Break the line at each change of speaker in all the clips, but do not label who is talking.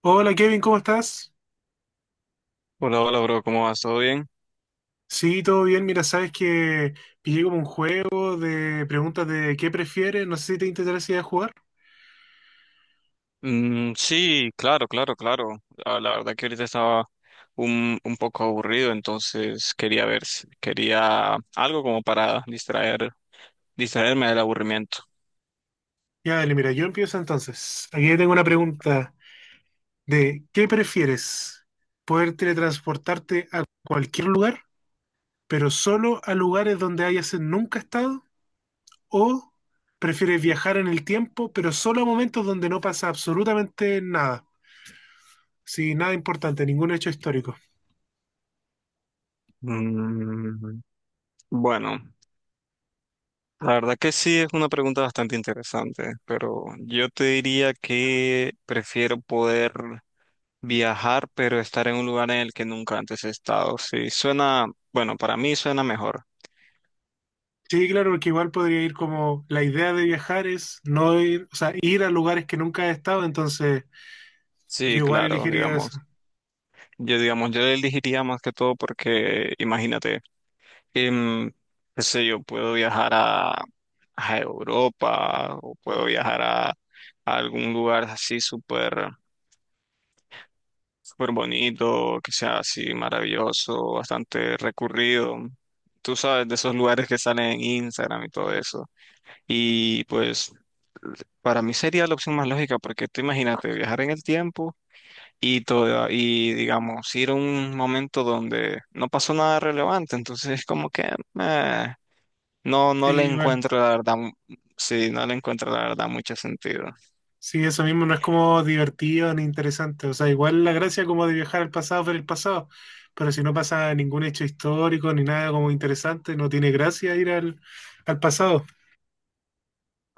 Hola Kevin, ¿cómo estás?
Hola, hola, bro, ¿cómo vas? ¿Todo bien?
Sí, todo bien. Mira, sabes que pillé como un juego de preguntas de qué prefieres. No sé si te interesaría jugar.
Mm, sí, claro, claro, claro. Ah, la verdad que ahorita estaba un poco aburrido, entonces quería ver, quería algo como para distraerme del aburrimiento.
Ya, dale, mira, yo empiezo entonces. Aquí tengo una pregunta de ¿qué prefieres? ¿Poder teletransportarte a cualquier lugar, pero solo a lugares donde hayas nunca estado? ¿O prefieres viajar en el tiempo, pero solo a momentos donde no pasa absolutamente nada? Sí, nada importante, ningún hecho histórico.
Mm, bueno, la verdad que sí es una pregunta bastante interesante, pero yo te diría que prefiero poder viajar, pero estar en un lugar en el que nunca antes he estado. Sí, suena, bueno, para mí suena mejor.
Sí, claro, porque igual podría ir como la idea de viajar es no ir, o sea, ir a lugares que nunca he estado, entonces yo
Sí,
igual
claro,
elegiría eso.
digamos. Yo, digamos, yo le elegiría más que todo porque, imagínate, em, qué sé yo, puedo viajar a, Europa, o puedo viajar a, algún lugar así súper, súper bonito, que sea así maravilloso, bastante recurrido. Tú sabes, de esos lugares que salen en Instagram y todo eso. Y pues, para mí sería la opción más lógica porque tú imagínate viajar en el tiempo y, y digamos, ir a un momento donde no pasó nada relevante, entonces es como que eh, no,
Sí,
no le
igual.
encuentro la verdad, sí, no le encuentro la verdad mucho sentido.
Sí, eso mismo no es como divertido ni interesante. O sea, igual la gracia como de viajar al pasado, ver el pasado, pero si no pasa ningún hecho histórico ni nada como interesante, no tiene gracia ir al pasado.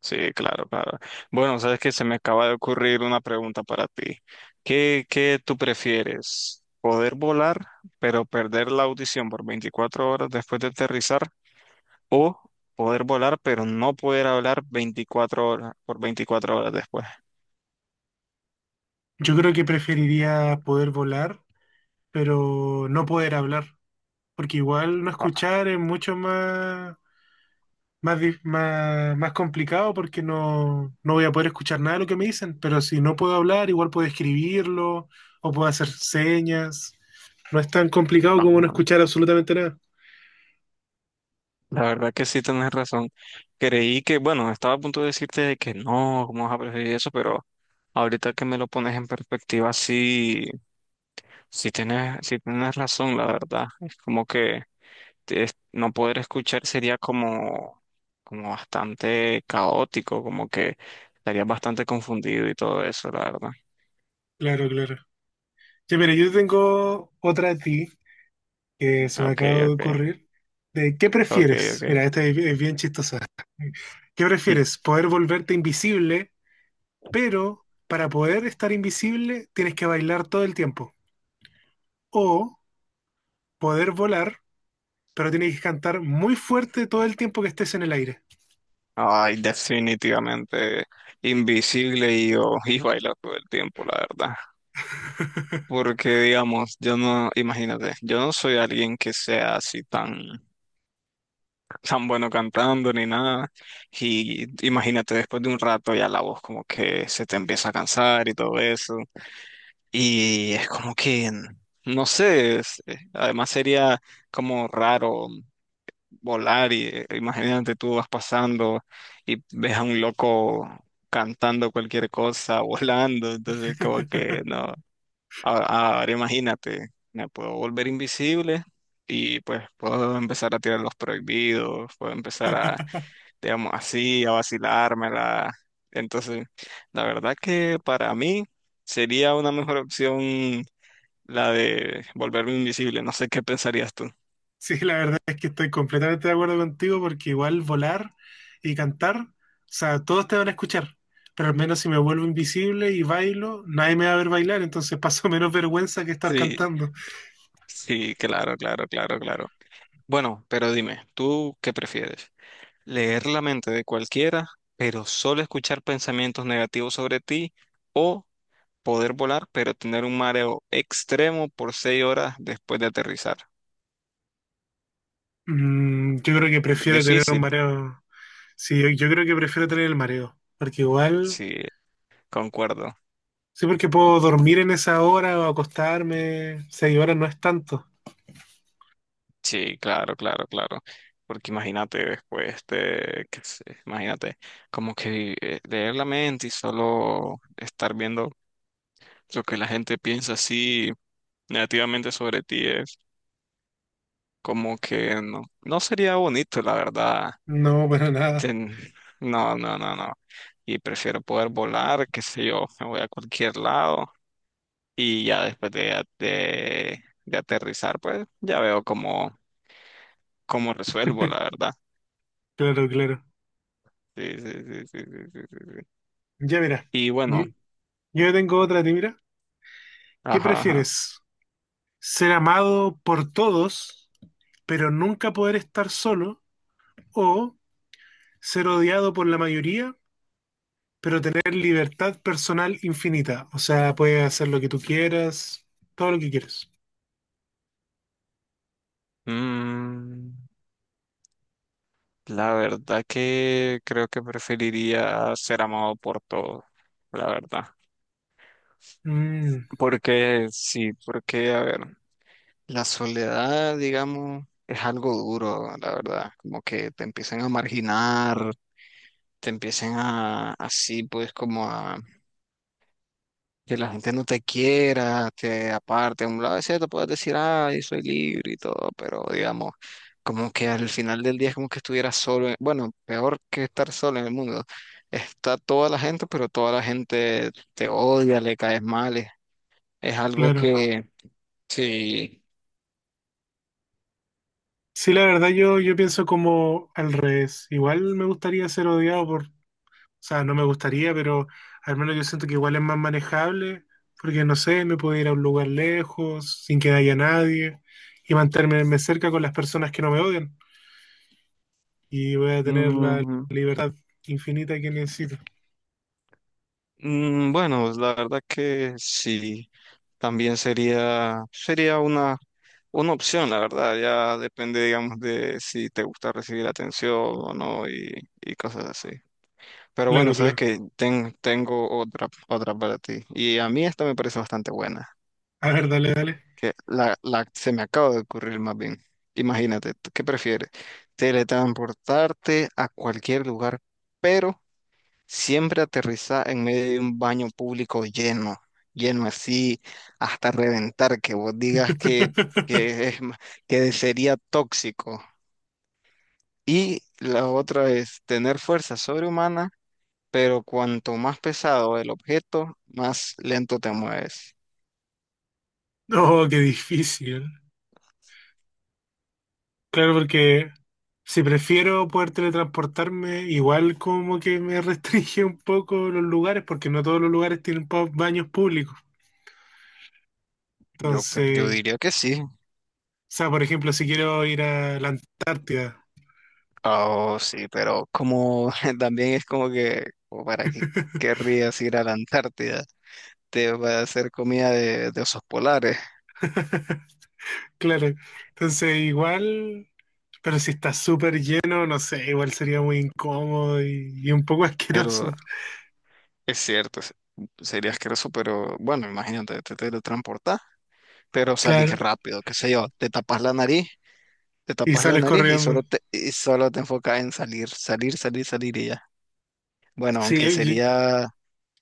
Sí, claro, claro. Bueno, sabes que se me acaba de ocurrir una pregunta para ti. ¿¿Qué tú prefieres? ¿Poder volar, pero perder la audición por 24 horas después de aterrizar? ¿O poder volar, pero no poder hablar 24 horas por 24 horas después?
Yo creo que preferiría poder volar, pero no poder hablar, porque igual no
Ah,
escuchar es mucho más más, más, más complicado porque no voy a poder escuchar nada de lo que me dicen, pero si no puedo hablar, igual puedo escribirlo o puedo hacer señas. No es tan complicado como no
ah,
escuchar absolutamente nada.
la verdad que sí tenés razón. Creí que, bueno, estaba a punto de decirte de que no, cómo vas a preferir eso, pero ahorita que me lo pones en perspectiva, sí, sí tienes razón, la verdad. Es como que no poder escuchar sería como, como bastante caótico, como que estarías bastante confundido y todo eso, la verdad.
Claro, claro. Ya, mira, yo tengo otra de ti que se me acaba
Okay,
de
okay,
ocurrir. De, ¿qué
okay,
prefieres?
okay.
Mira, esta es bien chistosa. ¿Qué
Mm.
prefieres? ¿Poder volverte invisible, pero para poder estar invisible tienes que bailar todo el tiempo? ¿O poder volar? Pero tienes que cantar muy fuerte todo el tiempo que estés en el aire.
Ay, definitivamente invisible y yo y a bailar todo el tiempo, la verdad. Porque, digamos, yo no, imagínate, yo no soy alguien que sea así tan, tan bueno cantando ni nada. Y imagínate, después de un rato ya la voz como que se te empieza a cansar y todo eso. Y es como que, no sé, además sería como raro volar y imagínate tú vas pasando y ves a un loco cantando cualquier cosa, volando. Entonces, como que no. Ahora imagínate, me puedo volver invisible y pues puedo empezar a tirar los prohibidos, puedo empezar a, digamos así, a vacilármela. Entonces, la verdad que para mí sería una mejor opción la de volverme invisible. No sé qué pensarías tú.
Sí, la verdad es que estoy completamente de acuerdo contigo porque igual volar y cantar, o sea, todos te van a escuchar, pero al menos si me vuelvo invisible y bailo, nadie me va a ver bailar, entonces paso menos vergüenza que estar
Sí,
cantando.
sí, claro, claro, claro, claro. Bueno, pero dime, ¿tú qué prefieres? ¿Leer la mente de cualquiera, pero solo escuchar pensamientos negativos sobre ti, o poder volar, pero tener un mareo extremo por 6 horas después de aterrizar?
Mm, yo creo que
Es
prefiero tener un
difícil,
mareo. Sí, yo creo que prefiero tener el mareo, porque igual,
sí, concuerdo.
sí, porque puedo dormir en esa hora o acostarme, seis horas no es tanto.
Sí, claro, claro, claro. Porque imagínate después de, qué sé, imagínate, como que leer la mente y solo estar viendo lo que la gente piensa así negativamente sobre ti es como que no, no sería bonito, la verdad.
No, para nada.
Ten- no, no, no, no. Y prefiero poder volar, qué sé yo, me voy a cualquier lado, y ya después de, de aterrizar, pues ya veo cómo, cómo resuelvo, la verdad.
Claro, claro.
Sí, sí, sí, sí, sí, sí, sí, sí.
Ya mira,
Y
yo,
bueno,
yo tengo otra, de ti, mira. ¿Qué
ajá, ajá.
prefieres? ¿Ser amado por todos, pero nunca poder estar solo? ¿O ser odiado por la mayoría, pero tener libertad personal infinita? O sea, puedes hacer lo que tú quieras, todo lo que quieras.
Mm, la verdad que creo que preferiría ser amado por todos, la verdad.
Mm,
Porque sí, porque, a ver, la soledad, digamos, es algo duro, la verdad. Como que te empiezan a marginar, te empiezan a, así, pues como a que la gente no te quiera, te aparte. A un lado es cierto, puedes decir, ay, soy libre y todo, pero digamos, como que al final del día es como que estuvieras solo. Bueno, peor que estar solo en el mundo. Está toda la gente, pero toda la gente te odia, le caes mal. Es algo
claro.
que, sí.
Sí, la verdad yo pienso como al revés. Igual me gustaría ser odiado por... O sea, no me gustaría, pero al menos yo siento que igual es más manejable, porque no sé, me puedo ir a un lugar lejos, sin que haya nadie, y mantenerme cerca con las personas que no me odian, y voy a tener la
Mm,
libertad infinita que necesito.
mm, bueno, la verdad que sí. También sería una opción, la verdad, ya depende, digamos, de si te gusta recibir atención o no, y cosas así. Pero bueno,
Claro,
sabes
claro.
que tengo otra para ti. Y a mí esta me parece bastante buena,
A ver, dale, dale.
que la se me acaba de ocurrir más bien. Imagínate, ¿tú ¿qué prefieres? Teletransportarte a cualquier lugar, pero siempre aterriza en medio de un baño público lleno, lleno así hasta reventar, que vos digas que, es, ma- que sería tóxico. Y la otra es tener fuerza sobrehumana, pero cuanto más pesado el objeto, más lento te mueves.
No, qué difícil. Claro, porque si prefiero poder teletransportarme, igual como que me restringe un poco los lugares, porque no todos los lugares tienen baños públicos.
Yo, yo
Entonces,
diría que sí.
sea, por ejemplo, si quiero ir a la Antártida.
Oh, sí, pero como también es como que, o ¿para qué querrías ir a la Antártida? Te va a hacer comida de, osos polares.
Claro. Entonces, igual, pero si está súper lleno, no sé, igual sería muy incómodo y un poco
Pero
asqueroso.
es cierto, sería asqueroso, pero bueno, imagínate, te teletransportás, pero salís
Claro.
rápido, qué sé yo, te tapas la nariz, te
Y
tapas la
sales
nariz
corriendo.
y solo te enfocas en salir, salir, salir, salir y ya. Bueno,
Sí,
aunque sería,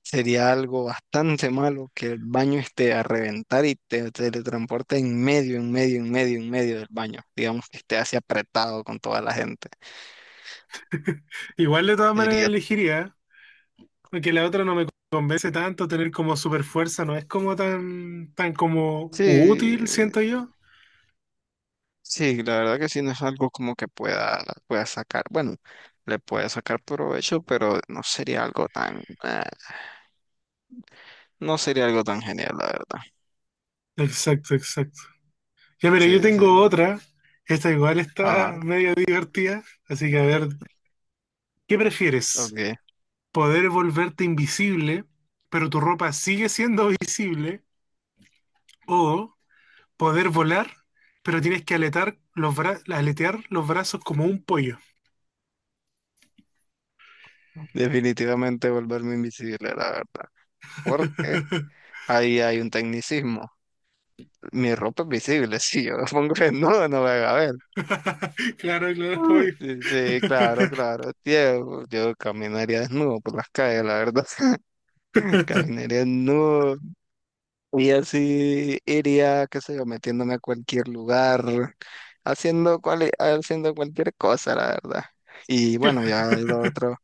sería algo bastante malo que el baño esté a reventar y te teletransporte en medio, en medio del baño. Digamos que esté así apretado con toda la gente.
igual de todas maneras
Sería,
elegiría, porque la otra no me convence tanto, tener como super fuerza no es como tan, tan como
sí,
útil, siento yo.
sí, la verdad que sí, no es algo como que pueda sacar, bueno, le puede sacar provecho, pero no sería algo tan, no sería algo tan genial, la verdad.
Exacto, exacto. Ya, mira, yo
Sí, sí,
tengo
sí.
otra. Esta igual está
Ajá,
medio divertida, así que a ver, ¿qué prefieres?
ok.
¿Poder volverte invisible, pero tu ropa sigue siendo visible? ¿O poder volar, pero tienes que aletear los brazos como un pollo?
Definitivamente volverme invisible, la verdad. Porque ahí hay un tecnicismo. Mi ropa es visible, si yo me pongo desnudo no me van a ver.
Claro, claro, obvio.
Sí, sí, claro, claro. Tío, yo caminaría desnudo por las calles, la verdad. Caminaría desnudo y así iría, qué sé yo, metiéndome a cualquier lugar, haciendo, cual, haciendo cualquier cosa, la verdad. Y bueno, ya lo otro,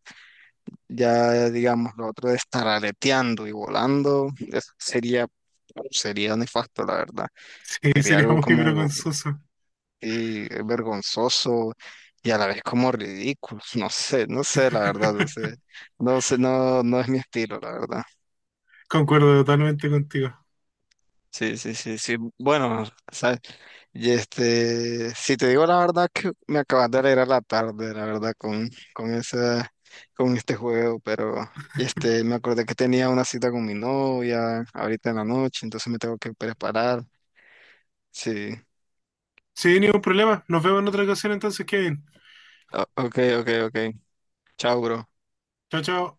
ya digamos, lo otro de estar aleteando y volando, eso sería, sería nefasto, la verdad.
Sí,
Sería
sería
algo
muy
como
vergonzoso.
vergonzoso y a la vez como ridículo. No sé, no sé, la verdad, no sé, no sé, no, no es mi estilo, la verdad.
Concuerdo totalmente contigo.
Sí, sí, sí, sí. Bueno, sabes, y este, si te digo la verdad que me acabas de alegrar la tarde, la verdad, con esa, con este juego, pero este, me acordé que tenía una cita con mi novia ahorita en la noche, entonces me tengo que preparar. Sí.
Sí, ningún problema. Nos vemos en otra ocasión entonces, Kevin.
Ok, ok, ok. Chao, bro.
Chao, chao.